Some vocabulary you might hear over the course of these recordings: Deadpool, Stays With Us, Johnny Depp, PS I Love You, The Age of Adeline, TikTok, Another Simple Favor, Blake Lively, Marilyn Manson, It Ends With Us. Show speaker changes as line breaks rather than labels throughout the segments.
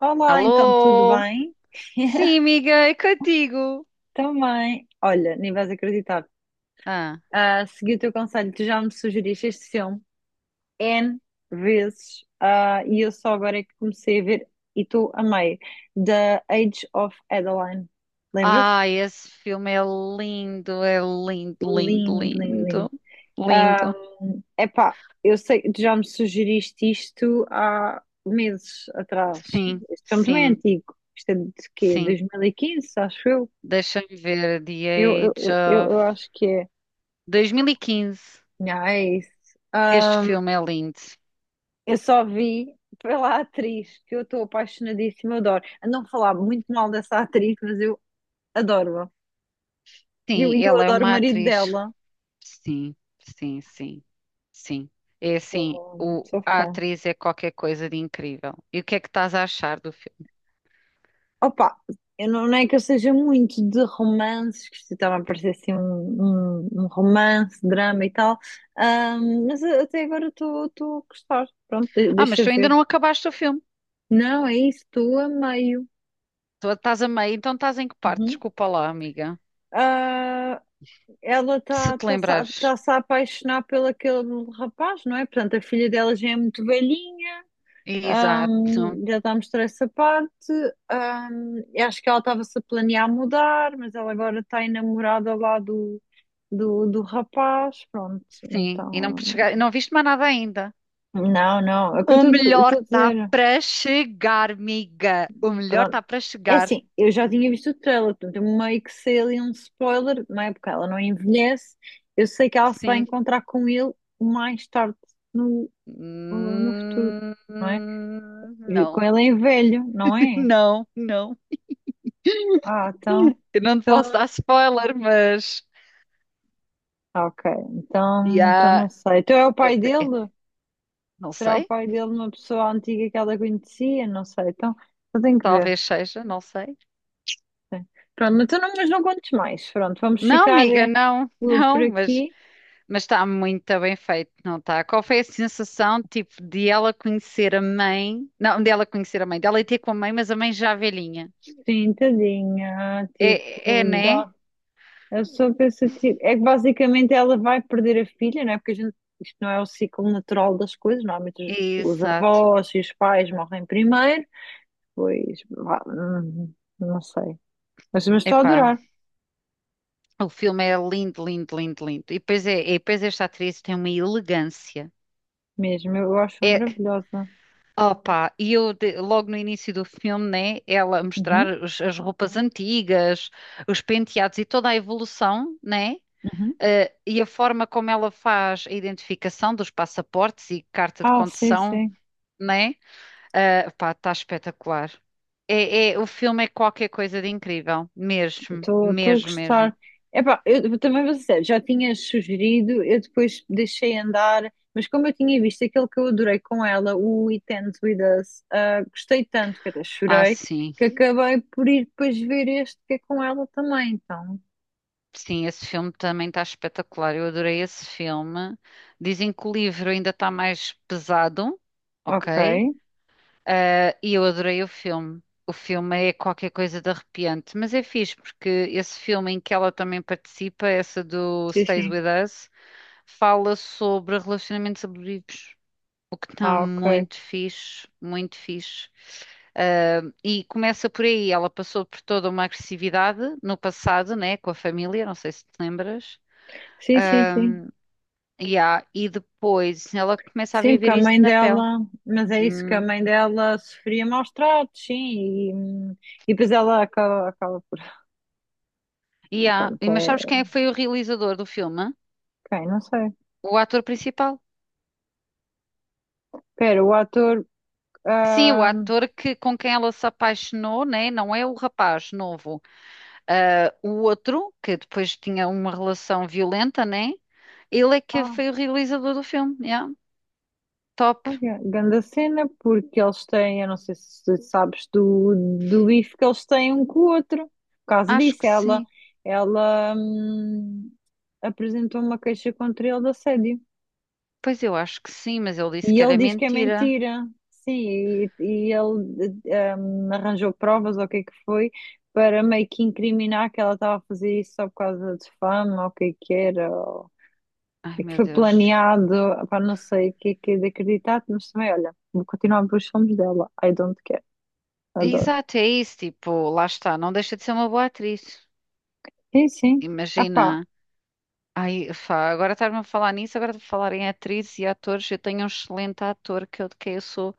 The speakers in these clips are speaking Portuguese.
Olá, então, tudo
Alô?
bem?
Sim, amiga, é contigo.
Também. Olha, nem vais acreditar.
Ah.
Segui o teu conselho, tu já me sugeriste este filme N vezes e eu só agora é que comecei a ver e tu amei. The Age of Adeline. Lembras-te?
Ah, esse filme é lindo, lindo,
Lindo, lindo, lindo.
lindo.
Ah,
Lindo.
epá, eu sei que tu já me sugeriste isto há meses atrás.
Sim,
Este filme também é
sim,
antigo. Isto é de quê?
sim.
2015, acho eu.
Deixa-me ver. The
Eu, eu,
Age
eu,
of
eu acho que é.
2015.
Ah, é isso.
Este
Ahm,
filme é lindo.
eu só vi pela atriz, que eu estou apaixonadíssima, eu adoro. A não falar muito mal dessa atriz, mas eu adoro-a. E eu,
Sim,
eu
ela é
adoro o
uma
marido
atriz.
dela.
Sim, sim, sim, sim. É assim,
Sou, sou
a
fã.
atriz é qualquer coisa de incrível. E o que é que estás a achar do filme?
Opa, eu não é que eu seja muito de romances, que isto estava a parecer assim um romance, drama e tal. Mas até agora estou a gostar. Pronto,
Ah, mas
deixa
tu ainda
ver.
não acabaste o filme.
Não, é isso, estou a meio.
Tu estás a meio, então estás em que parte?
Uhum.
Desculpa lá, amiga.
Ah, ela
Se
está
te lembrares.
tá-se a apaixonar pelo aquele rapaz, não é? Portanto, a filha dela já é muito velhinha,
Exato.
já está a mostrar essa parte. Hum, eu acho que ela estava-se a planear mudar, mas ela agora está enamorada lá do rapaz. Pronto,
Sim, e não
então.
chegar, não viste mais nada ainda.
Não, não, é o que eu
O melhor
estou a
está
dizer.
para chegar, amiga. O melhor
Pronto.
está para
É
chegar.
assim, eu já tinha visto o trailer, portanto, eu meio que sei ali um spoiler, não é? Porque ela não envelhece. Eu sei que ela se vai
Sim.
encontrar com ele mais tarde ou no futuro,
Hum,
não é? E com
não,
ele em velho, não é?
não, não.
Ah, então,
Eu não te posso dar
então,
spoiler, mas.
ok, então
Yeah,
não sei. Então é o
é-
pai
é-
dele?
não
Será o
sei.
pai dele uma pessoa antiga que ela conhecia? Não sei, então eu tenho que ver.
Talvez seja, não sei.
Pronto, então não, mas não contes mais. Pronto, vamos
Não,
ficar
amiga, não,
por
não, mas.
aqui.
Mas está muito bem feito, não está? Qual foi a sensação, tipo, de ela conhecer a mãe? Não, de ela conhecer a mãe, dela ir ter com a mãe, mas a mãe já velhinha.
Sim, tadinha,
É, é, é,
tipo,
né?
dá. Eu sou pensativa. É que basicamente ela vai perder a filha, não é? Porque a gente, isto não é o ciclo natural das coisas, normalmente os
Exato.
avós e os pais morrem primeiro. Pois, vá, não sei. Mas estou a
Epá,
adorar
o filme é lindo, lindo, lindo, lindo. E depois, é, e depois esta atriz tem uma elegância.
mesmo, eu acho
É,
maravilhosa.
opa, e eu logo no início do filme, né? Ela a mostrar
Uhum,
as roupas antigas, os penteados e toda a evolução, né?
uhum.
E a forma como ela faz a identificação dos passaportes e carta de
Ah, sim,
condução,
sim,
né? Eh, pá, está espetacular. É, o filme é qualquer coisa de incrível, mesmo,
estou a
mesmo, mesmo.
gostar. Epá, eu também vou ser sério, já tinha sugerido, eu depois deixei andar, mas como eu tinha visto aquele que eu adorei com ela, o It Ends With Us, ah, gostei tanto que até
Ah,
chorei,
sim,
que acabei por ir depois ver este que é com ela também, então.
sim, esse filme também está espetacular. Eu adorei esse filme. Dizem que o livro ainda está mais pesado,
Ok,
ok? Ah, e eu adorei o filme. O filme é qualquer coisa de arrepiante, mas é fixe porque esse filme em que ela também participa, essa do
sim,
Stays With
sim.
Us, fala sobre relacionamentos abusivos, o que está
Ah, ok.
muito fixe, muito fixe. Ah, e começa por aí, ela passou por toda uma agressividade no passado, né, com a família, não sei se te lembras.
Sim, sim, sim.
Yeah, e depois ela começa a
Sim, porque
viver
a
isso
mãe
na pele.
dela, mas é isso que a
Hum.
mãe dela sofria maus tratos, sim, e, hum, e depois ela acaba, acaba por.
Yeah. E
Pronto,
mas sabes
é.
quem é que foi o realizador do filme?
Quem? Não sei.
O ator principal.
Espera, o ator.
Sim, o
ah
ator que, com quem ela se apaixonou, né? Não é o rapaz novo. Ah, o outro, que depois tinha uma relação violenta, né? Ele é que
ah,
foi o realizador do filme. Yeah. Top.
Ai, ganda cena, porque eles têm, eu não sei se sabes do, do bife que eles têm um com o outro. Por causa
Acho
disso,
que sim.
ela apresentou uma queixa contra ele de assédio.
Pois eu acho que sim, mas ele disse
E
que
ele
era
diz que é
mentira.
mentira. Sim, e ele arranjou provas, ou o que é que foi, para meio que incriminar que ela estava a fazer isso só por causa de fama, ou o que é que era, ou...
Ai,
e que
meu
foi
Deus.
planeado, para não sei o que é de acreditar, mas também, olha, vou continuar a ver os filmes dela. I don't care, adoro.
Exato, é isso. Tipo, lá está. Não deixa de ser uma boa atriz.
Sim, sim. Ah pá,
Imagina. Ai, fá, agora estás-me a falar nisso, agora de falar em atrizes e atores, eu tenho um excelente ator que eu, de quem eu sou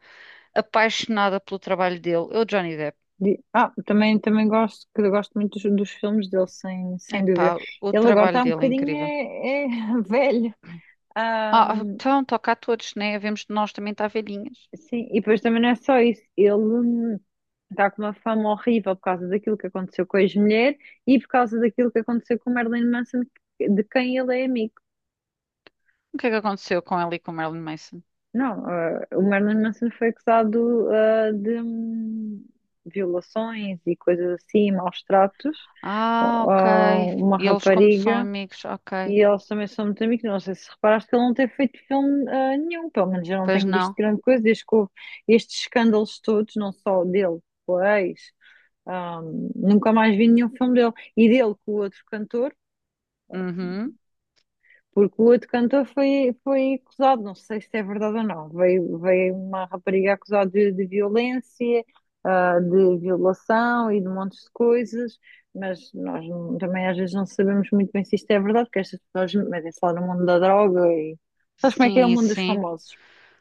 apaixonada pelo trabalho dele. Eu, Johnny Depp.
Também, também gosto, que eu gosto muito dos filmes dele, sem
Epá,
dúvida.
o
Ele agora
trabalho
está um
dele é
bocadinho
incrível.
é velho.
Ah, então, toca a todos, né? Vemos de nós também estar velhinhas.
Sim, e depois também não é só isso. Ele está com uma fama horrível por causa daquilo que aconteceu com a ex-mulher e por causa daquilo que aconteceu com o Marilyn Manson, de quem ele é amigo.
O que é que aconteceu com ela e com Marilyn Manson?
Não, ah, O Marilyn Manson foi acusado, de violações e coisas assim, maus tratos,
Ah, ok.
a uma
E eles como são
rapariga.
amigos, ok.
E eles também são muito amigos. Não sei se reparaste que ele não tem feito filme nenhum, pelo menos eu não
Pois
tenho
não?
visto grande coisa desde que houve estes escândalos todos, não só dele, com a ex. Nunca mais vi nenhum filme dele. E dele com o outro cantor,
Uhum.
porque o outro cantor foi acusado, não sei se é verdade ou não. Veio uma rapariga acusada de violência, de violação e de montes de coisas, mas nós não- também às vezes não sabemos muito bem se isto é verdade, porque estas pessoas metem-se lá no mundo da droga e. Sabes como é que é o
Sim,
mundo dos
sim.
famosos?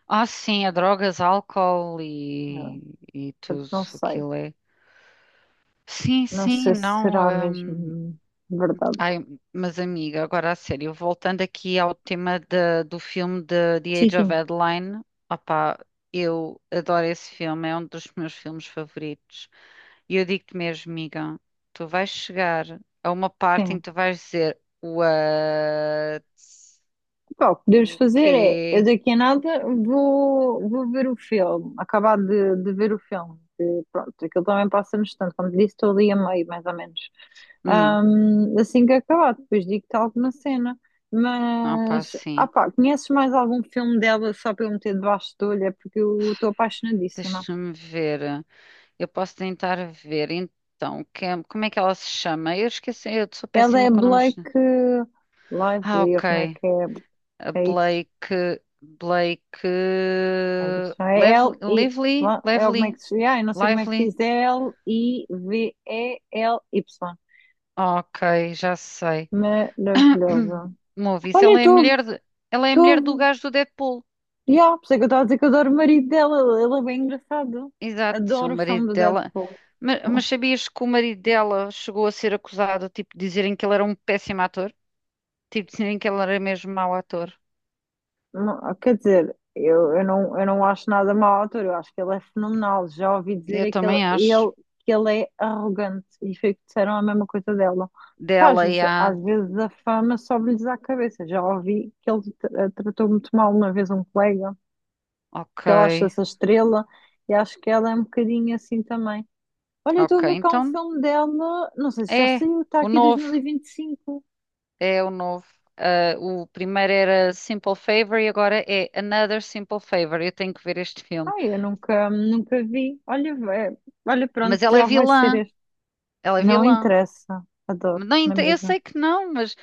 Ah, sim, é drogas, álcool
Ah,
e
portanto,
tudo
não sei.
aquilo é. Sim,
Não
sim,
sei se
não.
será
Hum,
mesmo verdade.
ai, mas amiga, agora a sério, voltando aqui ao tema do filme de The
Sim,
Age of
sim,
Adeline, opá, eu adoro esse filme, é um dos meus filmes favoritos. E eu digo-te mesmo, amiga, tu vais chegar a uma parte em
sim.
que tu vais dizer What?
Pá, o que podemos
O
fazer é, eu
quê?
daqui a nada vou ver o filme, acabar de ver o filme. Que, pronto, aquilo também passa no instante, como te disse, estou ali a meio, mais ou menos.
Hum,
Assim que acabar, depois digo-te alguma cena.
opá,
Mas, ah
sim.
pá, conheces mais algum filme dela só para eu meter debaixo da olho? É porque eu estou apaixonadíssima.
Deixa-me ver. Eu posso tentar ver. Então, é, como é que ela se chama? Eu esqueci, eu sou
Ela
péssima
é
com nomes.
Blake
Ah,
Lively, ou
ok.
como é que é?
A
É isso.
Blake,
Deixa L-I.
Lively,
Lá, é como é que se. Ah, eu não sei como é que se
Lively.
diz. É L-I-V-E-L-Y.
Ok, já sei.
Maravilhosa.
Movies,
Olha, estou.
ela é a mulher do
Estou.
gajo do Deadpool.
Já, por isso é que eu estava a dizer que eu adoro o marido dela. Ele é bem engraçado.
Exato, o
Adoro o filme
marido
do
dela.
Deadpool.
Mas sabias que o marido dela chegou a ser acusado, tipo, de dizerem que ele era um péssimo ator? Tipo, dizerem que ele era mesmo mau ator.
Não, quer dizer, não, eu não acho nada mau ao ator, eu acho que ele é fenomenal. Já ouvi dizer
Eu
é que
também acho.
que ele é arrogante e foi o que disseram a mesma coisa dela. Pá,
Dela e a.
às vezes a fama sobe-lhes à cabeça. Já ouvi que ele tratou muito mal uma vez um colega,
Ok,
que ela acha-se a estrela e acho que ela é um bocadinho assim também. Olha, eu estou a
ok,
ver cá um
então
filme dela, não sei se já
é
saiu, está
o
aqui
novo.
2025.
É o novo. Ah, o primeiro era Simple Favor e agora é Another Simple Favor. Eu tenho que ver este filme.
Ai, eu nunca vi. Olha, é, olha,
Mas
pronto,
ela é
já vai ser
vilã.
este.
Ela é
Não
vilã.
interessa. Adoro,
Não,
não é
eu
mesmo?
sei que não, mas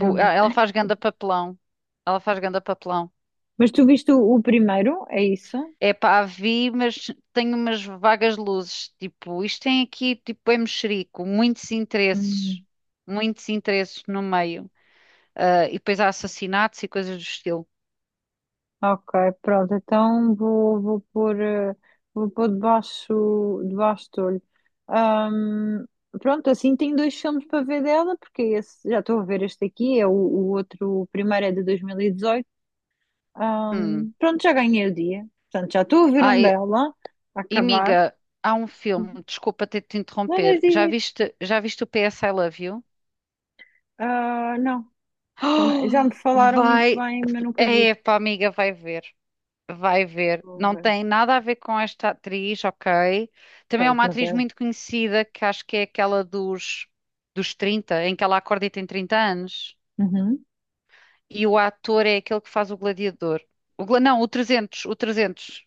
Eu vi.
ah, ela faz ganda papelão. Ela faz ganda papelão.
Mas tu viste o primeiro? É isso?
É pá, a vi, mas tenho umas vagas luzes. Tipo, isto tem aqui, tipo, é mexerico. Muitos interesses.
Hum,
Muitos interesses no meio. Ah, e depois há assassinatos e coisas do estilo.
ok, pronto. Então vou pôr, vou pôr debaixo do olho. Ahm, pronto, assim tenho dois filmes para ver dela, porque esse, já estou a ver este aqui, é o outro, o primeiro é de 2018.
Hum.
Pronto, já ganhei o dia. Portanto, já estou a ver um
Ai,
dela, a
e,
acabar.
miga, há um filme, desculpa ter de te
Não, não
interromper.
diz.
Já viste o PS I Love You?
Ah, não. Também- já
Oh,
me falaram muito
vai,
bem, mas nunca vi.
epá, amiga, vai ver. Vai ver.
Vou
Não
ver.
tem nada a ver com esta atriz, ok? Também é
Pronto,
uma
mas
atriz
é.
muito conhecida, que acho que é aquela dos, dos 30, em que ela acorda e tem 30 anos.
Uhum,
E o ator é aquele que faz o Gladiador. O, não, o 300, o 300.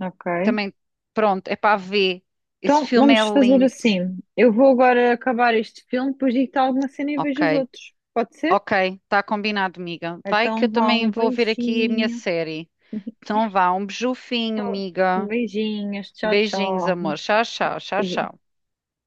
ok.
Também, pronto, é para ver. Esse
Então
filme é
vamos fazer
lindo,
assim. Eu vou agora acabar este filme, depois digo-te alguma cena e vejo os
ok?
outros. Pode ser?
Ok, está combinado, amiga. Vai que eu
Então vá, um
também vou ver aqui a minha
beijinho.
série. Então vá, um beijufinho, amiga.
Beijinhos, tchau,
Beijinhos,
tchau.
amor. Tchau, tchau, tchau,
Beijinho.
tchau.